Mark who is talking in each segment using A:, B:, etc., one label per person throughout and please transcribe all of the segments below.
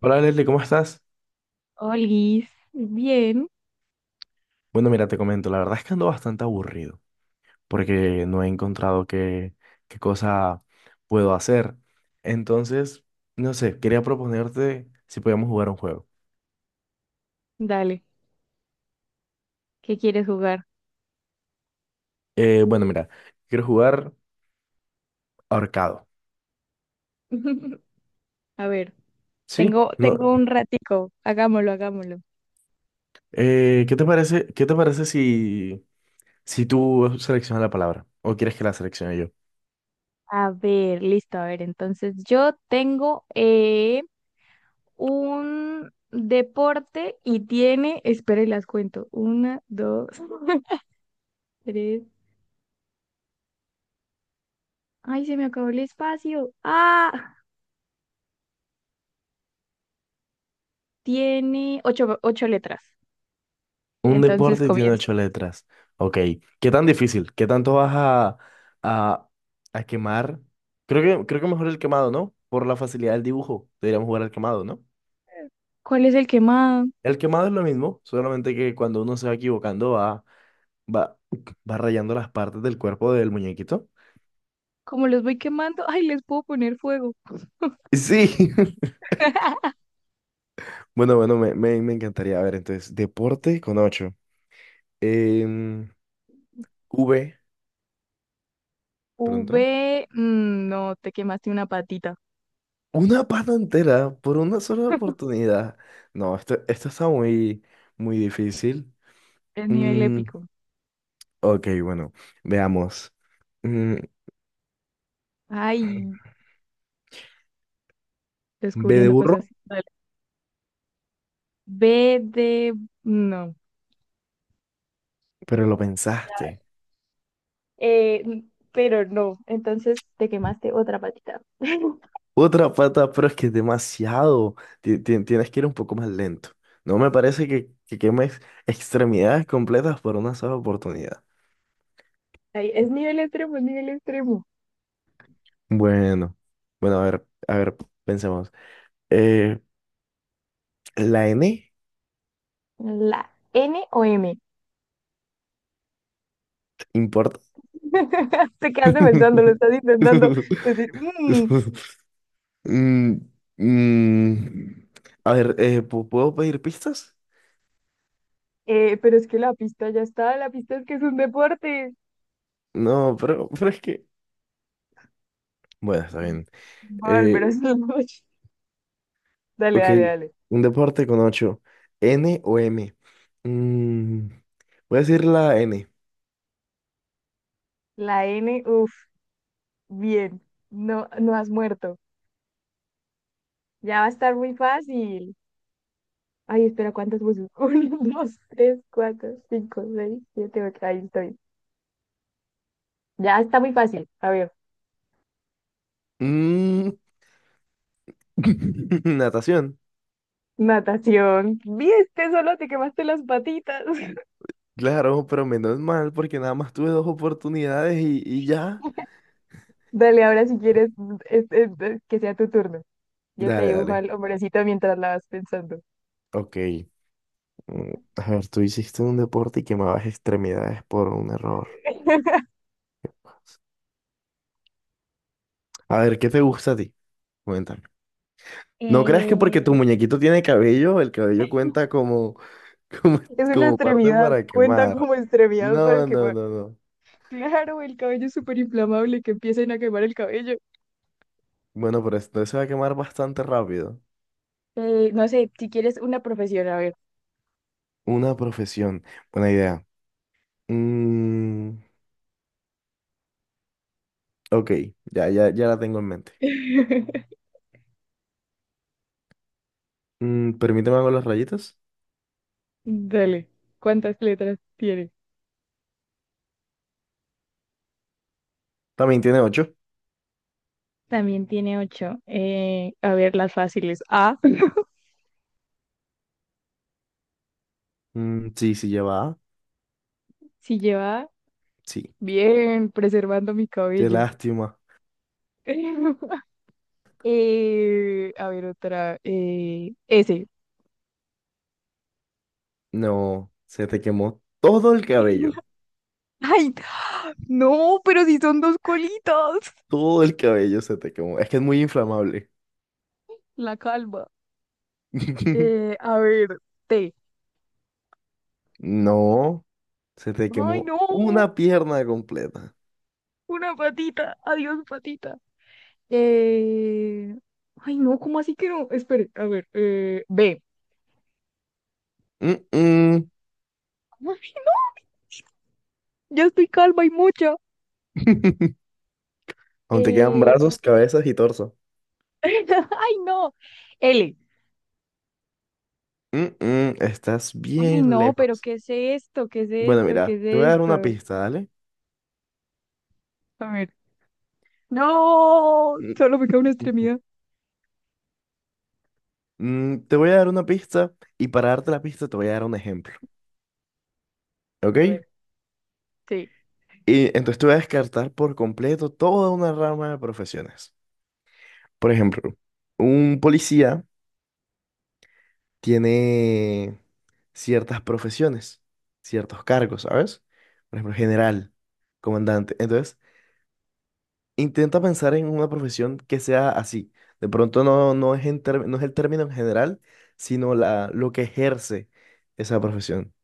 A: Hola Leslie, ¿cómo estás?
B: Olis, bien,
A: Bueno, mira, te comento, la verdad es que ando bastante aburrido porque no he encontrado qué cosa puedo hacer. Entonces, no sé, quería proponerte si podíamos jugar un juego.
B: dale, ¿qué quieres jugar?
A: Bueno, mira, quiero jugar ahorcado.
B: A ver,
A: ¿Sí?
B: Tengo,
A: No,
B: tengo un ratico. Hagámoslo, hagámoslo.
A: ¿qué te parece si, si tú seleccionas la palabra o quieres que la seleccione yo?
B: A ver, listo, a ver, entonces yo tengo un deporte y tiene, espera y las cuento, una, dos, tres, ay, se me acabó el espacio, ah, tiene ocho, ocho letras,
A: Un
B: entonces
A: deporte y tiene
B: comienza.
A: ocho letras. Ok. ¿Qué tan difícil? ¿Qué tanto vas a, a quemar? Creo que mejor el quemado, ¿no? Por la facilidad del dibujo. Deberíamos jugar al quemado, ¿no?
B: ¿Cuál es el quemado?
A: El quemado es lo mismo, solamente que cuando uno se va equivocando va, va rayando las partes del cuerpo del muñequito.
B: Como los voy quemando, ay, les puedo poner fuego.
A: Sí. Bueno, bueno, me encantaría. A ver, entonces, deporte con ocho. Em, V, pronto.
B: V, mm, no, te quemaste una patita.
A: Una pata entera por una sola oportunidad. No, esto está muy, muy difícil.
B: Es nivel
A: Mm,
B: épico.
A: ok, bueno, veamos. Mm,
B: Ay,
A: B de
B: descubriendo
A: burro,
B: cosas. Vale. B de, no.
A: pero lo pensaste.
B: Pero no, entonces te quemaste otra patita.
A: Otra pata, pero es que es demasiado. Tienes que ir un poco más lento. No me parece que quemes extremidades completas por una sola oportunidad.
B: Ay, es nivel extremo, es nivel extremo.
A: Bueno, bueno, a ver, pensemos. Eh, la N,
B: La N o M. Te quedaste pensando, lo estás intentando decir. "Mm,
A: Mm, mm, A ver, ¿puedo pedir pistas?
B: pero es que la pista ya está, la pista es que es un deporte.
A: No, pero es que... Bueno, está bien.
B: Va a
A: Eh,
B: volver a hacer la noche. Dale,
A: ok,
B: dale, dale.
A: un deporte con ocho. ¿N o M? Mm, voy a decir la N.
B: La N, uff. Bien, no, no has muerto. Ya va a estar muy fácil. Ay, espera, ¿cuántas puse? Uno, dos, tres, cuatro, cinco, seis, siete, ocho. Ahí estoy. Ya está muy fácil. A ver,
A: Mm, Natación.
B: natación. Viste, solo te quemaste las patitas.
A: Claro, pero menos mal porque nada más tuve dos oportunidades y ya.
B: Dale, ahora si quieres, es que sea tu turno. Yo te
A: Dale,
B: dibujo
A: dale.
B: al hombrecito mientras la vas pensando.
A: Ok. Mm, A ver, tú hiciste un deporte y quemabas extremidades por un error. A ver, ¿qué te gusta a ti? Cuéntame. ¿No creas que porque
B: Eh,
A: tu muñequito tiene cabello, el cabello cuenta como, como,
B: Es una
A: como parte
B: extremidad,
A: para
B: cuenta
A: quemar?
B: como extremidad para
A: No, no,
B: quemar.
A: no, no.
B: Claro, el cabello es súper inflamable, que empiecen a quemar el cabello.
A: Bueno, pero esto se va a quemar bastante rápido.
B: No sé, si quieres una profesión, a ver.
A: Una profesión. Buena idea. Mm, ok, ya la tengo en mente. Mm, permíteme hago las rayitas.
B: Dale, ¿cuántas letras tiene?
A: También tiene ocho.
B: También tiene ocho. A ver, las fáciles. A,
A: Mm, sí, sí lleva. A.
B: si lleva.
A: Sí.
B: Bien, preservando mi
A: Qué
B: cabello.
A: lástima.
B: A ver, otra. S.
A: No, se te quemó todo el cabello.
B: Ay, no, pero si son dos colitas.
A: Todo el cabello se te quemó. Es que es muy inflamable.
B: La calma. A ver, T.
A: No, se te
B: Ay,
A: quemó
B: no,
A: una pierna completa.
B: una patita. Adiós, patita. Eh, Ay, no, ¿cómo así que no? Espere, a ver, B.
A: Mm-mm.
B: Ay, no, ya estoy calma y mucha.
A: Aún te quedan
B: Eh,
A: brazos, cabezas y torso.
B: Ay, no. L.
A: Mm-mm, estás
B: Ay,
A: bien
B: no, pero
A: lejos.
B: ¿qué es esto? ¿Qué es
A: Bueno,
B: esto? ¿Qué
A: mira, te voy a
B: es
A: dar una
B: esto?
A: pista, ¿dale?
B: A ver. No,
A: Mm,
B: solo me queda una
A: mm,
B: extremidad.
A: te voy a dar una pista y para darte la pista te voy a dar un ejemplo,
B: A
A: ¿ok?
B: ver, sí.
A: Y entonces te voy a descartar por completo toda una rama de profesiones. Por ejemplo, un policía tiene ciertas profesiones, ciertos cargos, ¿sabes? Por ejemplo, general, comandante. Entonces, intenta pensar en una profesión que sea así. De pronto no, no es, no es el término en general, sino la, lo que ejerce esa profesión.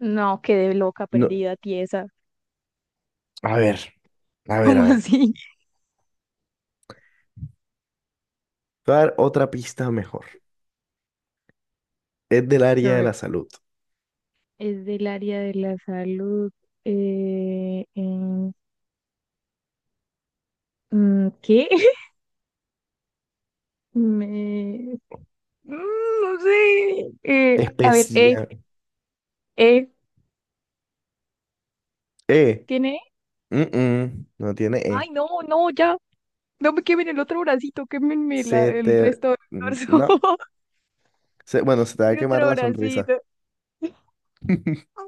B: No, quedé loca,
A: No,
B: perdida, tiesa.
A: a ver,
B: ¿Cómo
A: a ver.
B: así?
A: Te voy a dar otra pista mejor. Es del
B: A
A: área de
B: ver.
A: la salud.
B: Es del área de la salud. Eh, en ¿Qué? Me... Mm, no sé. A ver,
A: Especial.
B: eh,
A: E.
B: ¿tiene E?
A: No tiene
B: Ay,
A: E.
B: no, no, ya. No me quemen el otro bracito, quémenme la-
A: Se
B: el
A: te...
B: resto del torso.
A: No. Bueno, se te va a
B: Mi
A: quemar
B: otro
A: la sonrisa.
B: bracito.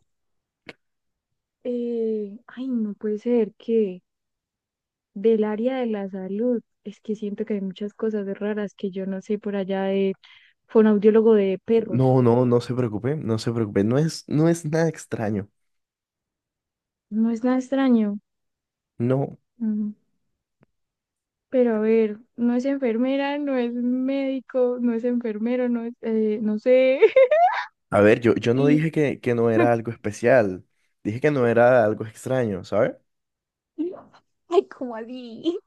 B: Ay, no puede ser que del área de la salud, es que siento que hay muchas cosas raras que yo no sé por allá de fonoaudiólogo de perros.
A: No, no, no se preocupe, no se preocupe. No es, no es nada extraño.
B: No es nada extraño.
A: No.
B: Mm, pero a ver, no es enfermera, no es médico, no es enfermero, no es, no sé.
A: A ver, yo no dije que no
B: Sí.
A: era algo especial. Dije que no era algo extraño, ¿sabes?
B: Ay, ¿cómo así?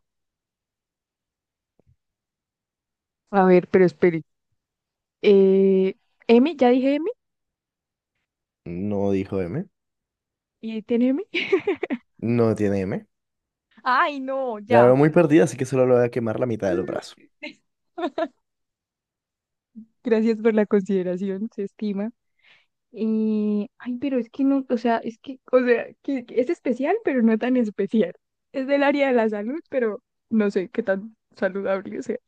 B: A ver, pero espere. Eh, M, ya dije M.
A: No dijo M.
B: ¿Y ahí tiene M?
A: No tiene M.
B: Ay, no,
A: La
B: ya.
A: veo muy perdida, así que solo le voy a quemar la mitad del brazo.
B: Gracias por la consideración, se estima. Y, ay, pero es que no, o sea, es que, o sea, que es especial, pero no tan especial. Es del área de la salud, pero no sé qué tan saludable sea.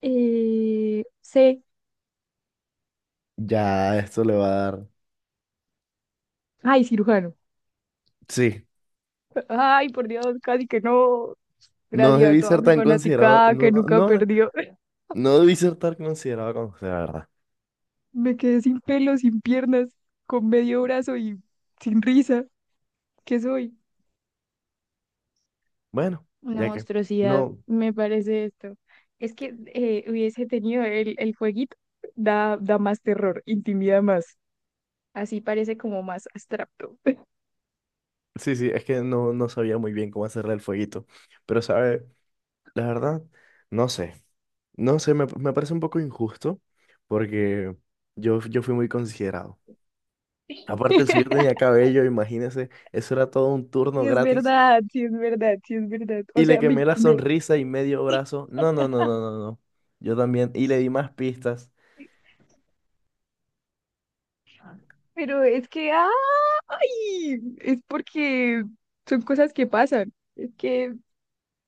B: C,
A: Ya, esto le va a dar.
B: ay, cirujano.
A: Sí.
B: Ay, por Dios, casi que no.
A: No
B: Gracias a
A: debí
B: toda
A: ser
B: mi
A: tan considerado.
B: fanaticada que
A: No,
B: nunca
A: no,
B: perdió.
A: no debí ser tan considerado como usted, la verdad.
B: Me quedé sin pelo, sin piernas, con medio brazo y sin risa. ¿Qué soy?
A: Bueno,
B: Una
A: ya que.
B: monstruosidad,
A: No.
B: me parece esto. Es que hubiese tenido el fueguito, da, da más terror, intimida más. Así parece como más abstracto.
A: Sí, sí, es que no, no sabía muy bien cómo hacerle el fueguito. Pero, ¿sabe? La verdad, no sé. No sé, me parece un poco injusto porque yo fui muy considerado. Aparte, el suyo tenía cabello, imagínese, eso era todo un turno
B: Sí, es
A: gratis.
B: verdad, sí, es verdad, sí, es verdad. O
A: Y le
B: sea, me,
A: quemé la
B: me-
A: sonrisa y medio brazo. No, no, no, no, no, no. Yo también. Y le di más pistas.
B: pero es que, ¡ah! ¡Ay! Es porque son cosas que pasan. Es que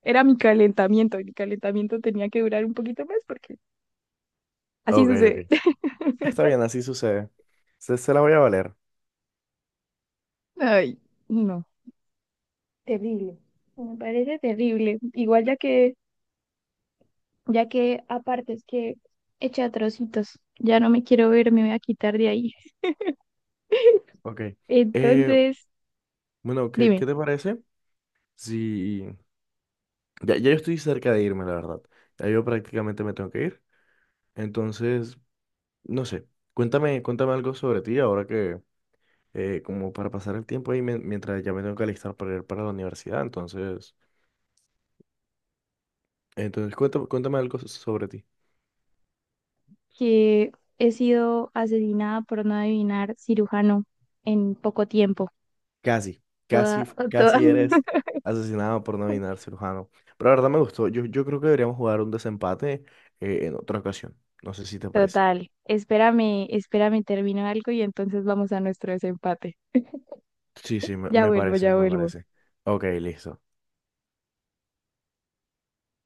B: era mi calentamiento y mi calentamiento tenía que durar un poquito más porque así
A: Ok, ok.
B: sucede.
A: Está bien, así sucede. Se la voy a valer.
B: Ay, no. Terrible. Me parece terrible. Igual ya que aparte es que eché a trocitos, ya no me quiero ver, me voy a quitar de ahí.
A: Ok. Eh,
B: Entonces,
A: bueno, ¿qué
B: dime,
A: te parece? Sí. Ya yo estoy cerca de irme, la verdad. Ya yo prácticamente me tengo que ir. Entonces, no sé. Cuéntame algo sobre ti ahora que, como para pasar el tiempo ahí mientras ya me tengo que alistar para ir para la universidad. Entonces cuéntame, sobre ti.
B: que he sido asesinada por no adivinar cirujano en poco tiempo.
A: Casi, casi,
B: Toda,
A: f-
B: toda.
A: casi eres asesinado por no adivinar cirujano. Pero la verdad me gustó. Yo creo que deberíamos jugar un desempate, en otra ocasión. No sé si te parece.
B: Total. Espérame, espérame, termino algo y entonces vamos a nuestro desempate.
A: Sí, sí, me,
B: Ya
A: me
B: vuelvo,
A: parece,
B: ya
A: me
B: vuelvo.
A: parece. Ok, listo.